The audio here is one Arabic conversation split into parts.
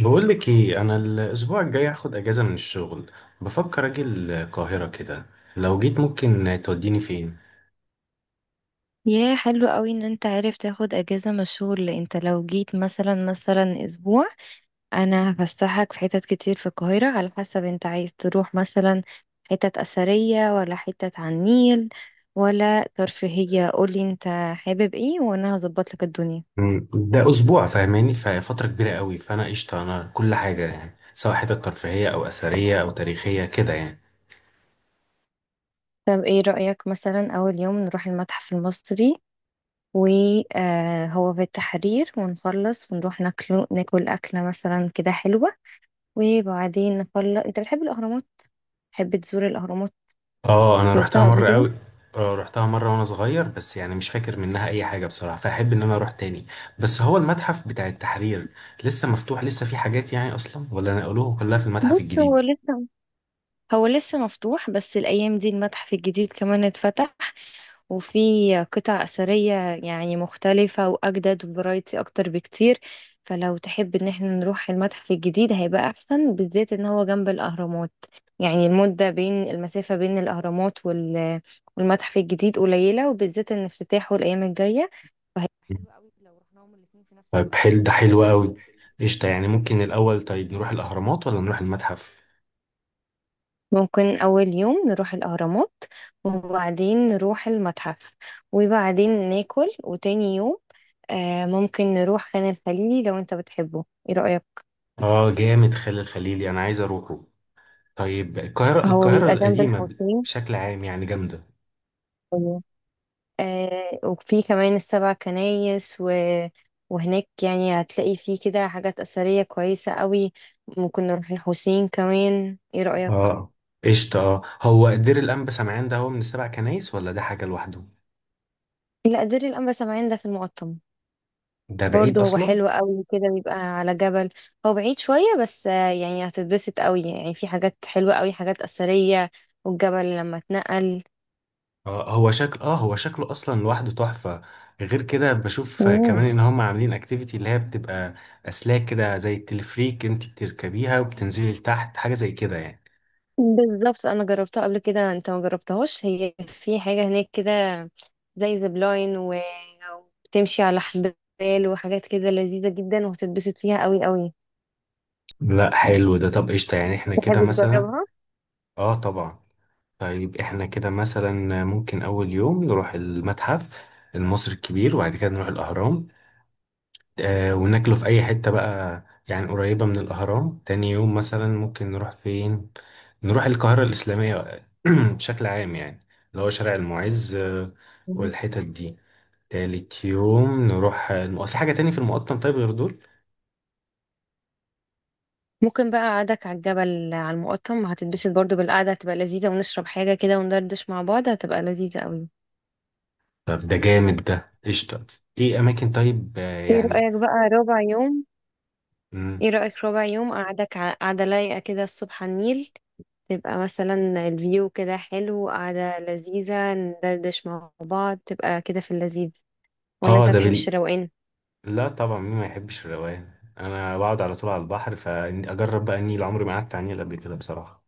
بقول لك ايه، انا الاسبوع الجاي هاخد اجازه من الشغل. بفكر اجي القاهره كده. لو جيت ممكن توديني فين؟ يا حلو قوي ان انت عارف تاخد اجازة من الشغل. انت لو جيت مثلا اسبوع، انا هفسحك في حتت كتير في القاهرة على حسب انت عايز تروح، مثلا حتت اثرية ولا حتت على النيل ولا ترفيهية. قولي انت حابب ايه وانا هظبط لك الدنيا. ده اسبوع فاهماني؟ ففتره كبيره قوي، فانا قشطه. انا كل حاجه يعني، سواء حتت ترفيهيه او اثريه او تاريخيه كده يعني. طب ايه رأيك مثلا اول يوم نروح المتحف المصري، وهو في التحرير، ونخلص ونروح ناكل أكلة مثلا كده حلوة، وبعدين نخلص. انت بتحب الأهرامات؟ تحب تزور الأهرامات؟ اه انا رحتها زرتها قبل مره كده؟ قوي. اه رحتها مره وانا صغير، بس يعني مش فاكر منها اي حاجه بصراحه، فاحب ان انا اروح تاني. بس هو المتحف بتاع التحرير لسه مفتوح؟ لسه في حاجات يعني اصلا، ولا نقلوه كلها في المتحف بص هو الجديد؟ لسه هو لسه مفتوح، بس الأيام دي المتحف الجديد كمان اتفتح، وفي قطع أثرية يعني مختلفة وأجدد وفرايتي أكتر بكتير. فلو تحب إن احنا نروح المتحف الجديد هيبقى أحسن، بالذات إن هو جنب الأهرامات. يعني المدة بين المسافة بين الأهرامات والمتحف الجديد قليلة، وبالذات إن افتتاحه الأيام الجاية، فهيبقى حلو قوي لو رحناهم الاتنين في نفس طيب الوقت. حل ده حلو قوي. قشطة، يعني ممكن الأول طيب نروح الأهرامات ولا نروح المتحف؟ ممكن أول يوم نروح الأهرامات وبعدين نروح المتحف وبعدين ناكل، وتاني يوم ممكن نروح خان الخليلي لو أنت بتحبه. إيه رأيك؟ آه جامد، خالد الخليلي أنا عايز أروحه. طيب القاهرة هو القاهرة بيبقى جنب القديمة الحسين. بشكل عام يعني جامدة. أيوة. آه، وفي كمان السبع كنايس وهناك يعني هتلاقي فيه كده حاجات أثرية كويسة قوي. ممكن نروح الحسين كمان، إيه رأيك؟ آه قشطة، آه هو دير الأنبا سمعان ده هو من السبع كنايس ولا ده حاجة لوحده؟ لا، دير الأنبا سمعان ده في المقطم. ده بعيد برضه هو أصلا؟ حلو قوي، كده بيبقى على جبل. هو بعيد شوية بس يعني هتتبسط قوي، يعني في حاجات حلوة قوي، حاجات أثرية، والجبل لما اتنقل. آه هو شكل، هو شكله أصلا لوحده تحفة. غير كده بشوف مم. كمان إن هم عاملين أكتيفيتي اللي هي بتبقى أسلاك كده زي التلفريك، أنت بتركبيها وبتنزلي لتحت، حاجة زي كده يعني. بالظبط، أنا جربتها قبل كده. أنت ما جربتهاش؟ هي في حاجة هناك كده زي زبلاين وبتمشي على حبال وحاجات كده لذيذة جدا، وهتتبسط فيها قوي قوي. لا حلو ده، طب قشطة يعني احنا كده تحب مثلا. تجربها؟ اه طبعا. طيب احنا كده مثلا ممكن اول يوم نروح المتحف المصري الكبير، وبعد كده نروح الاهرام، آه وناكله في اي حتة بقى يعني قريبة من الاهرام. تاني يوم مثلا ممكن نروح فين؟ نروح القاهرة الاسلامية بشكل عام يعني، اللي هو شارع المعز مم. والحتت دي. تالت يوم نروح في حاجة تاني في المقطم، طيب غير دول. ممكن بقى قعدك على الجبل على المقطم هتتبسط برضو، بالقعدة هتبقى لذيذة، ونشرب حاجة كده وندردش مع بعض، هتبقى لذيذة قوي. طب ده جامد، ده قشطة. ايه اماكن طيب ايه يعني. رأيك بقى ربع يوم؟ مم. ايه رأيك ربع يوم قعدة لايقة كده الصبح على النيل، تبقى مثلا الفيو كده حلو، قعدة لذيذة، ندردش مع بعض، تبقى كده في اللذيذ. ولا اه انت ده تحبش بال... الروقان؟ لا طبعا، مين ما يحبش الروقان؟ انا بقعد على طول على البحر، فاجرب بقى النيل، عمري ما قعدت على النيل قبل كده بصراحه.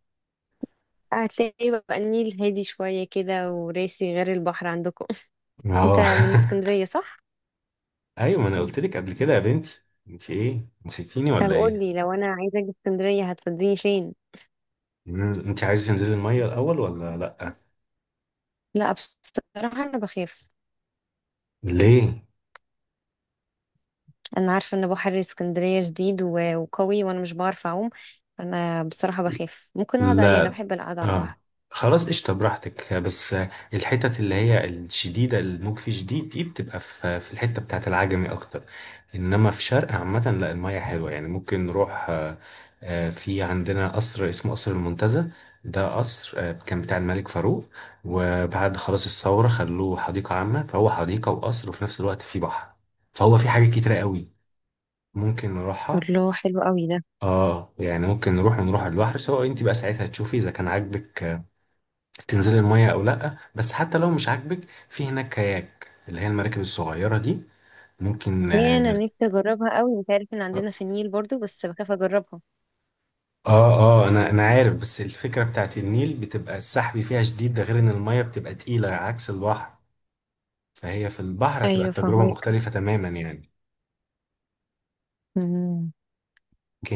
هتلاقي بقى النيل هادي شوية كده وراسي، غير البحر عندكم انت اه من اسكندرية صح؟ ايوه ما انا قلت لك قبل كده يا بنتي، انت ايه نسيتيني طب ولا ايه؟ قولي لو انا عايزة اجي اسكندرية هتفضلني فين؟ انت عايز تنزلي الميه الاول ولا لا؟ لا بصراحة انا بخاف. ليه؟ انا عارفه ان بحر اسكندريه جديد وقوي، وانا مش بعرف اعوم. انا بصراحه بخاف. ممكن اقعد عليه، لا انا بحب القعده على البحر. اه خلاص قشطة براحتك. بس الحتت اللي هي الشديدة، الموج فيه شديد، دي بتبقى في الحتة بتاعة العجمي أكتر. إنما في شرق عامة لا، المية حلوة، يعني ممكن نروح آه، آه، في عندنا قصر اسمه قصر المنتزه. ده قصر آه، كان بتاع الملك فاروق، وبعد خلاص الثورة خلوه حديقة عامة، فهو حديقة وقصر وفي نفس الوقت فيه بحر، فهو فيه حاجات كتيرة قوي ممكن نروحها. الله، حلو قوي ده. اه يعني ممكن نروح ونروح على البحر، سواء انت بقى ساعتها تشوفي اذا كان عاجبك تنزلي المية او لا، بس حتى لو مش عاجبك، في هناك كاياك اللي هي المراكب الصغيرة دي، ممكن هي انا نركب. نفسي اجربها قوي. انت عارف ان عندنا في النيل برضو، بس بخاف اجربها. اه اه انا عارف، بس الفكرة بتاعت النيل بتبقى السحب فيها شديد، ده غير ان المية بتبقى تقيلة عكس البحر، فهي في البحر هتبقى ايوه التجربة فاهمك. مختلفة تماما يعني. مم.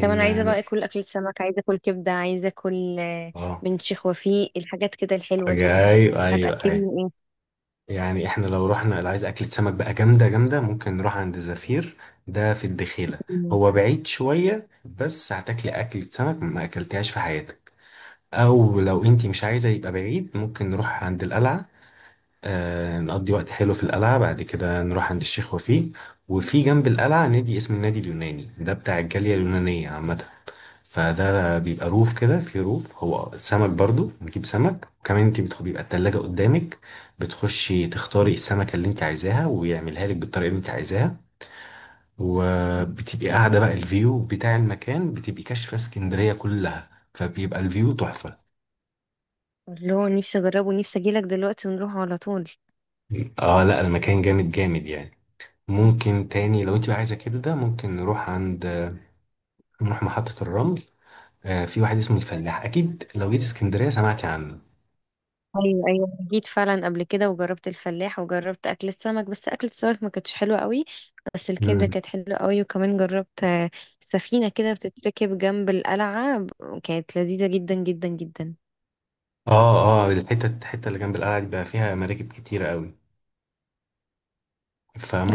طب انا عايزه اه بقى اكل، اكل سمك، عايزه اكل كبده، عايزه اكل آه، آه، من شيخ وفيق، الحاجات كده الحلوه ايوه دي. ايوه ايوه. هتاكلني ايه؟ يعني احنا لو رحنا، اللي عايز اكلة سمك بقى جامدة جامدة، ممكن نروح عند زفير. ده في الدخيلة. مم. هو بعيد شوية، بس هتاكلي أكلة سمك ما أكلتهاش في حياتك. او لو انتي مش عايزه يبقى بعيد، ممكن نروح عند القلعه، آه نقضي وقت حلو في القلعه، بعد كده نروح عند الشيخ وفيه. وفي جنب القلعه نادي اسمه النادي اليوناني، ده بتاع الجاليه اليونانيه عامه، فده بيبقى روف كده، في روف هو سمك برضو، نجيب سمك. وكمان انتي بيبقى التلاجة قدامك، بتخشي تختاري السمكة اللي انت عايزاها ويعملها لك بالطريقة اللي انت عايزاها، وبتبقي قاعدة بقى الفيو بتاع المكان بتبقي كاشفة اسكندرية كلها، فبيبقى الفيو تحفة. الله، نفسي اجربه، نفسي اجيلك دلوقتي ونروح على طول. اه لا المكان جامد جامد يعني. ممكن تاني لو انت بقى عايزه كده، ده ممكن نروح نروح محطة الرمل، آه في واحد اسمه الفلاح، اكيد لو جيت اسكندرية سمعتي عنه. ايوه ايوه، جيت فعلا قبل كده وجربت الفلاح، وجربت اكل السمك بس اكل السمك ما كانتش حلوه قوي، بس الكبده مم. كانت حلوه قوي. وكمان جربت آه، سفينه كده بتتركب جنب القلعه كانت لذيذه جدا جدا جدا. اه اه الحتة اللي جنب القلعة دي بقى فيها مراكب كتيرة قوي،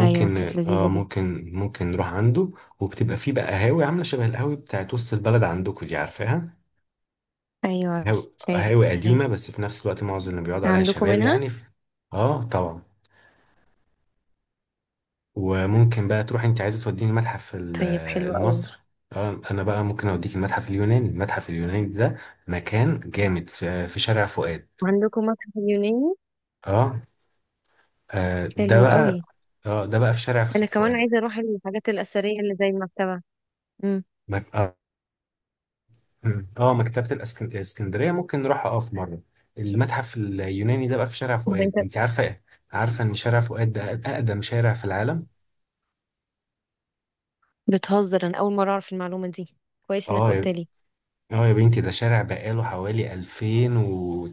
ايوه كانت اه لذيذه جدا. ممكن نروح عنده. وبتبقى فيه بقى قهاوي عاملة شبه القهاوي بتاعت وسط البلد عندكم، دي عارفاها؟ ايوه قهاوي عارفاها. قديمة، بس في نفس الوقت معظم اللي بيقعدوا عليها عندكم شباب منها؟ يعني اه طبعا. وممكن بقى تروح، انت عايزه توديني المتحف طيب حلو قوي. المصري، اه انا بقى ممكن اوديك المتحف اليوناني. المتحف اليوناني ده مكان جامد، في شارع فؤاد. وعندكم متحف اليوناني؟ اه آه، ده حلو حلو قوي. بقى. اه ده بقى في شارع انا كمان فؤاد. عايزه اروح الحاجات الاثريه اللي زي المكتبه. امم، مك... اه الاسكندرية ممكن نروحها اه في مرة. المتحف اليوناني ده بقى في شارع طب انت فؤاد. انت عارفة ايه؟ عارفة ان شارع فؤاد ده اقدم شارع في العالم؟ بتهزر، انا اول مره اعرف المعلومه دي. كويس انك اه قلت يا... لي. اه يا بنتي، ده شارع بقاله حوالي 2000 و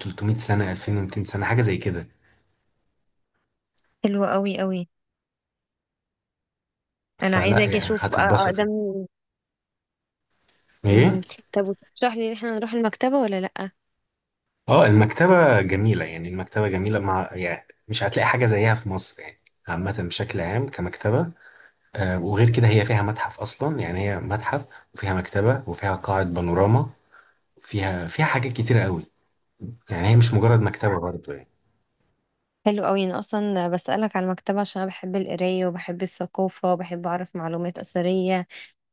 300 سنة، 2200 سنة حاجة زي كده. حلوه قوي قوي، انا عايزه فلا اجي يعني اشوف هتتبسط. اقدم. ايه؟ مم. طب وتشرح لي ان احنا نروح المكتبه ولا لا؟ اه المكتبة جميلة يعني، المكتبة جميلة، مع يعني مش هتلاقي حاجة زيها في مصر يعني، عامة بشكل عام كمكتبة. آه وغير كده هي فيها متحف أصلا، يعني هي متحف وفيها مكتبة وفيها قاعة بانوراما، فيها حاجات كتيرة قوي. يعني هي مش مجرد مكتبة برضه يعني. حلو قوي. انا اصلا بسالك على المكتبه عشان انا بحب القرايه وبحب الثقافه وبحب اعرف معلومات اثريه،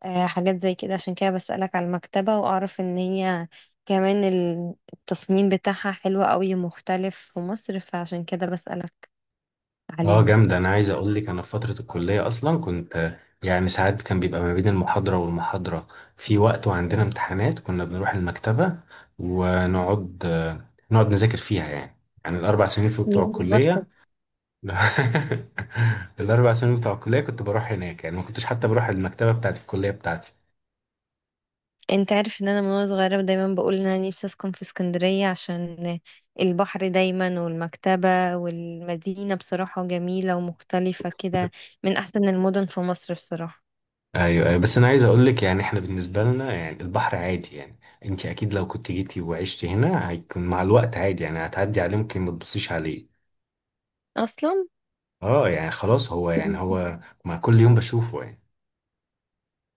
آه، حاجات زي كده، عشان كده بسالك على المكتبه. واعرف ان هي كمان التصميم بتاعها حلو قوي ومختلف في مصر، فعشان كده بسالك اه عليها. جامدة. انا عايز اقول لك، انا في فترة الكلية اصلا كنت يعني، ساعات كان بيبقى ما بين المحاضرة والمحاضرة في وقت، وعندنا امتحانات، كنا بنروح المكتبة ونقعد نذاكر فيها يعني. يعني الاربع سنين في بتوع الكلية الاربع سنين بتوع الكلية كنت بروح هناك يعني، ما كنتش حتى بروح المكتبة بتاعت الكلية بتاعتي. انت عارف ان انا من وانا صغيرة دايما بقول ان انا نفسي اسكن في اسكندرية، عشان البحر دايما والمكتبة، والمدينة بصراحة جميلة ومختلفة كده، من احسن المدن في مصر بصراحة. ايوه ايوه، بس انا عايز اقول لك يعني احنا بالنسبه لنا يعني البحر عادي يعني. انت اكيد لو كنت جيتي وعشتي هنا هيكون مع الوقت عادي يعني، هتعدي عليه ممكن ما تبصيش عليه. اصلا اه يعني خلاص هو يعني، مم، هو مع كل يوم بشوفه يعني.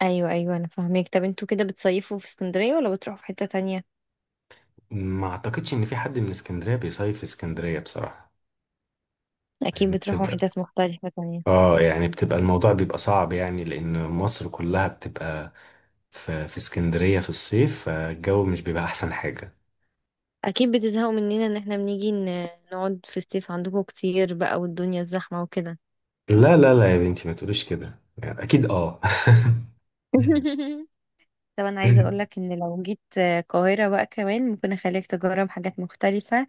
ايوه ايوه، انا فاهمك. طب انتوا كده بتصيفوا في اسكندرية ولا بتروحوا في حتة تانية؟ ما اعتقدش ان في حد من اسكندريه بيصيف في اسكندريه بصراحه. اكيد يعني بتروحوا بتبقى حتت مختلفة تانية. اه يعني بتبقى الموضوع بيبقى صعب، يعني لان مصر كلها بتبقى في اسكندريه في الصيف، فالجو مش بيبقى احسن حاجه. اكيد بتزهقوا مننا ان احنا نقعد في الصيف عندكم كتير بقى، والدنيا الزحمة وكده. لا لا لا يا بنتي ما تقوليش كده يعني، اكيد اه طب انا عايزه اقول لك ان لو جيت آه، القاهره بقى، كمان ممكن اخليك تجرب حاجات مختلفه،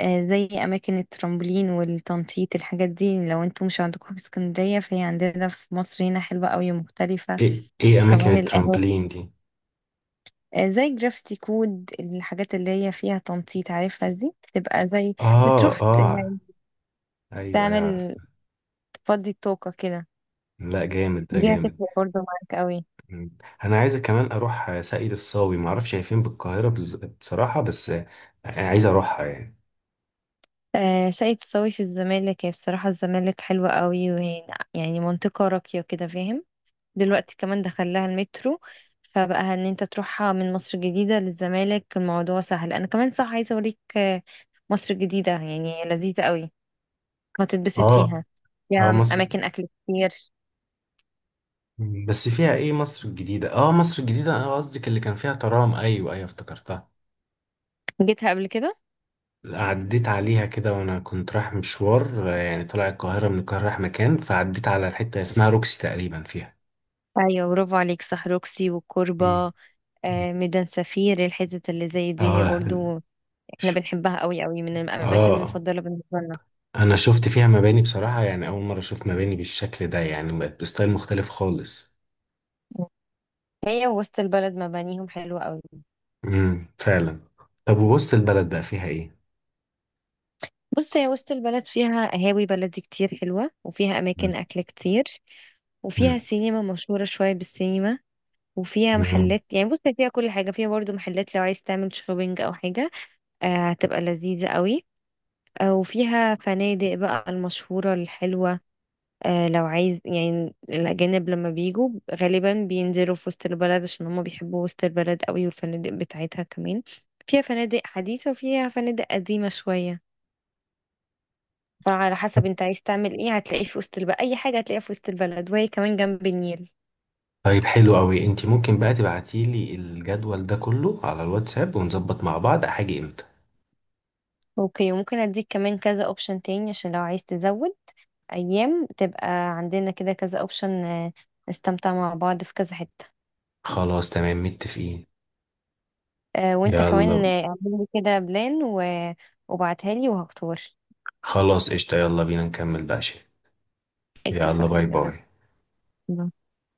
آه، زي اماكن الترامبولين والتنطيط. الحاجات دي لو انتوا مش عندكم في اسكندريه، فهي عندنا في مصر هنا حلوه قوي مختلفه. ايه ايه اماكن وكمان القهاوي، الترامبلين دي؟ آه، زي جرافيتي كود، الحاجات اللي هي فيها تنطيط، عارفها دي، تبقى زي اه اه يعني ايوه ايوه تعمل، عرفتها. تفضي الطاقه كده، لا جامد ده دي جامد. هتفرق برضه معاك قوي. مم. انا عايز كمان اروح ساقية الصاوي، ما اعرفش هي فين بالقاهره بصراحه، بس آه، عايز اروحها يعني. آه، شقة صاوي في الزمالك، هي بصراحة الزمالك حلوة قوي، وهي يعني منطقة راقية كده، فاهم؟ دلوقتي كمان دخل لها المترو، فبقى ان انت تروحها من مصر الجديدة للزمالك الموضوع سهل. انا كمان صح عايزة اوريك آه، مصر الجديدة، يعني لذيذة قوي، هتتبسط اه فيها، اه فيها مصر، اماكن اكل كتير. بس فيها ايه مصر الجديده؟ اه مصر الجديده، اه قصدك اللي كان فيها ترام، ايوه ايوه افتكرتها. جيتها قبل كده؟ عديت عليها كده وانا كنت رايح مشوار، آه يعني طلع القاهره، من القاهره رايح مكان، فعديت على الحته اسمها روكسي تقريبا فيها. ايوه، برافو عليك، صح، روكسي والكوربة، مم. مم. آه، ميدان سفير، الحتت اللي زي دي اه برضو ش- احنا بنحبها قوي قوي، من الاماكن اه المفضلة بالنسبة لنا. انا شفت فيها مباني بصراحه، يعني اول مره اشوف مباني بالشكل ده، يعني بقت بستايل مختلف خالص. هي وسط البلد مبانيهم حلوة قوي. فعلا. طب وبص البلد بقى فيها ايه؟ بص هي وسط البلد فيها قهاوي بلدي كتير حلوة، وفيها أماكن مم. أكل كتير، وفيها مم. سينما مشهورة، شوية بالسينما، وفيها مم. محلات. يعني بص هي فيها كل حاجة، فيها برضو محلات لو عايز تعمل شوبينج أو حاجة، آه، هتبقى لذيذة قوي. آه، وفيها فنادق بقى المشهورة الحلوة، آه، لو عايز. يعني الأجانب لما بيجوا غالبا بينزلوا في وسط البلد عشان هما بيحبوا وسط البلد قوي، والفنادق بتاعتها كمان فيها فنادق حديثة وفيها فنادق قديمة شوية. فعلى حسب انت عايز تعمل ايه هتلاقيه في وسط البلد، اي حاجة هتلاقيها في وسط البلد، وهي كمان جنب النيل. طيب حلو قوي، انت ممكن بقى تبعتي لي الجدول ده كله على الواتساب، ونظبط مع بعض هاجي امتى. اوكي، وممكن اديك كمان كذا اوبشن تاني، عشان لو عايز تزود ايام تبقى عندنا كده كذا اوبشن، نستمتع مع بعض في كذا حتة. خلاص تمام متفقين. آه، وانت كمان يلا. آه، اعمل لي كده بلان وبعتها لي وهختار. خلاص قشطة يلا بينا نكمل بقى شيء. يلا اتفقنا، باي يلا باي. بينا.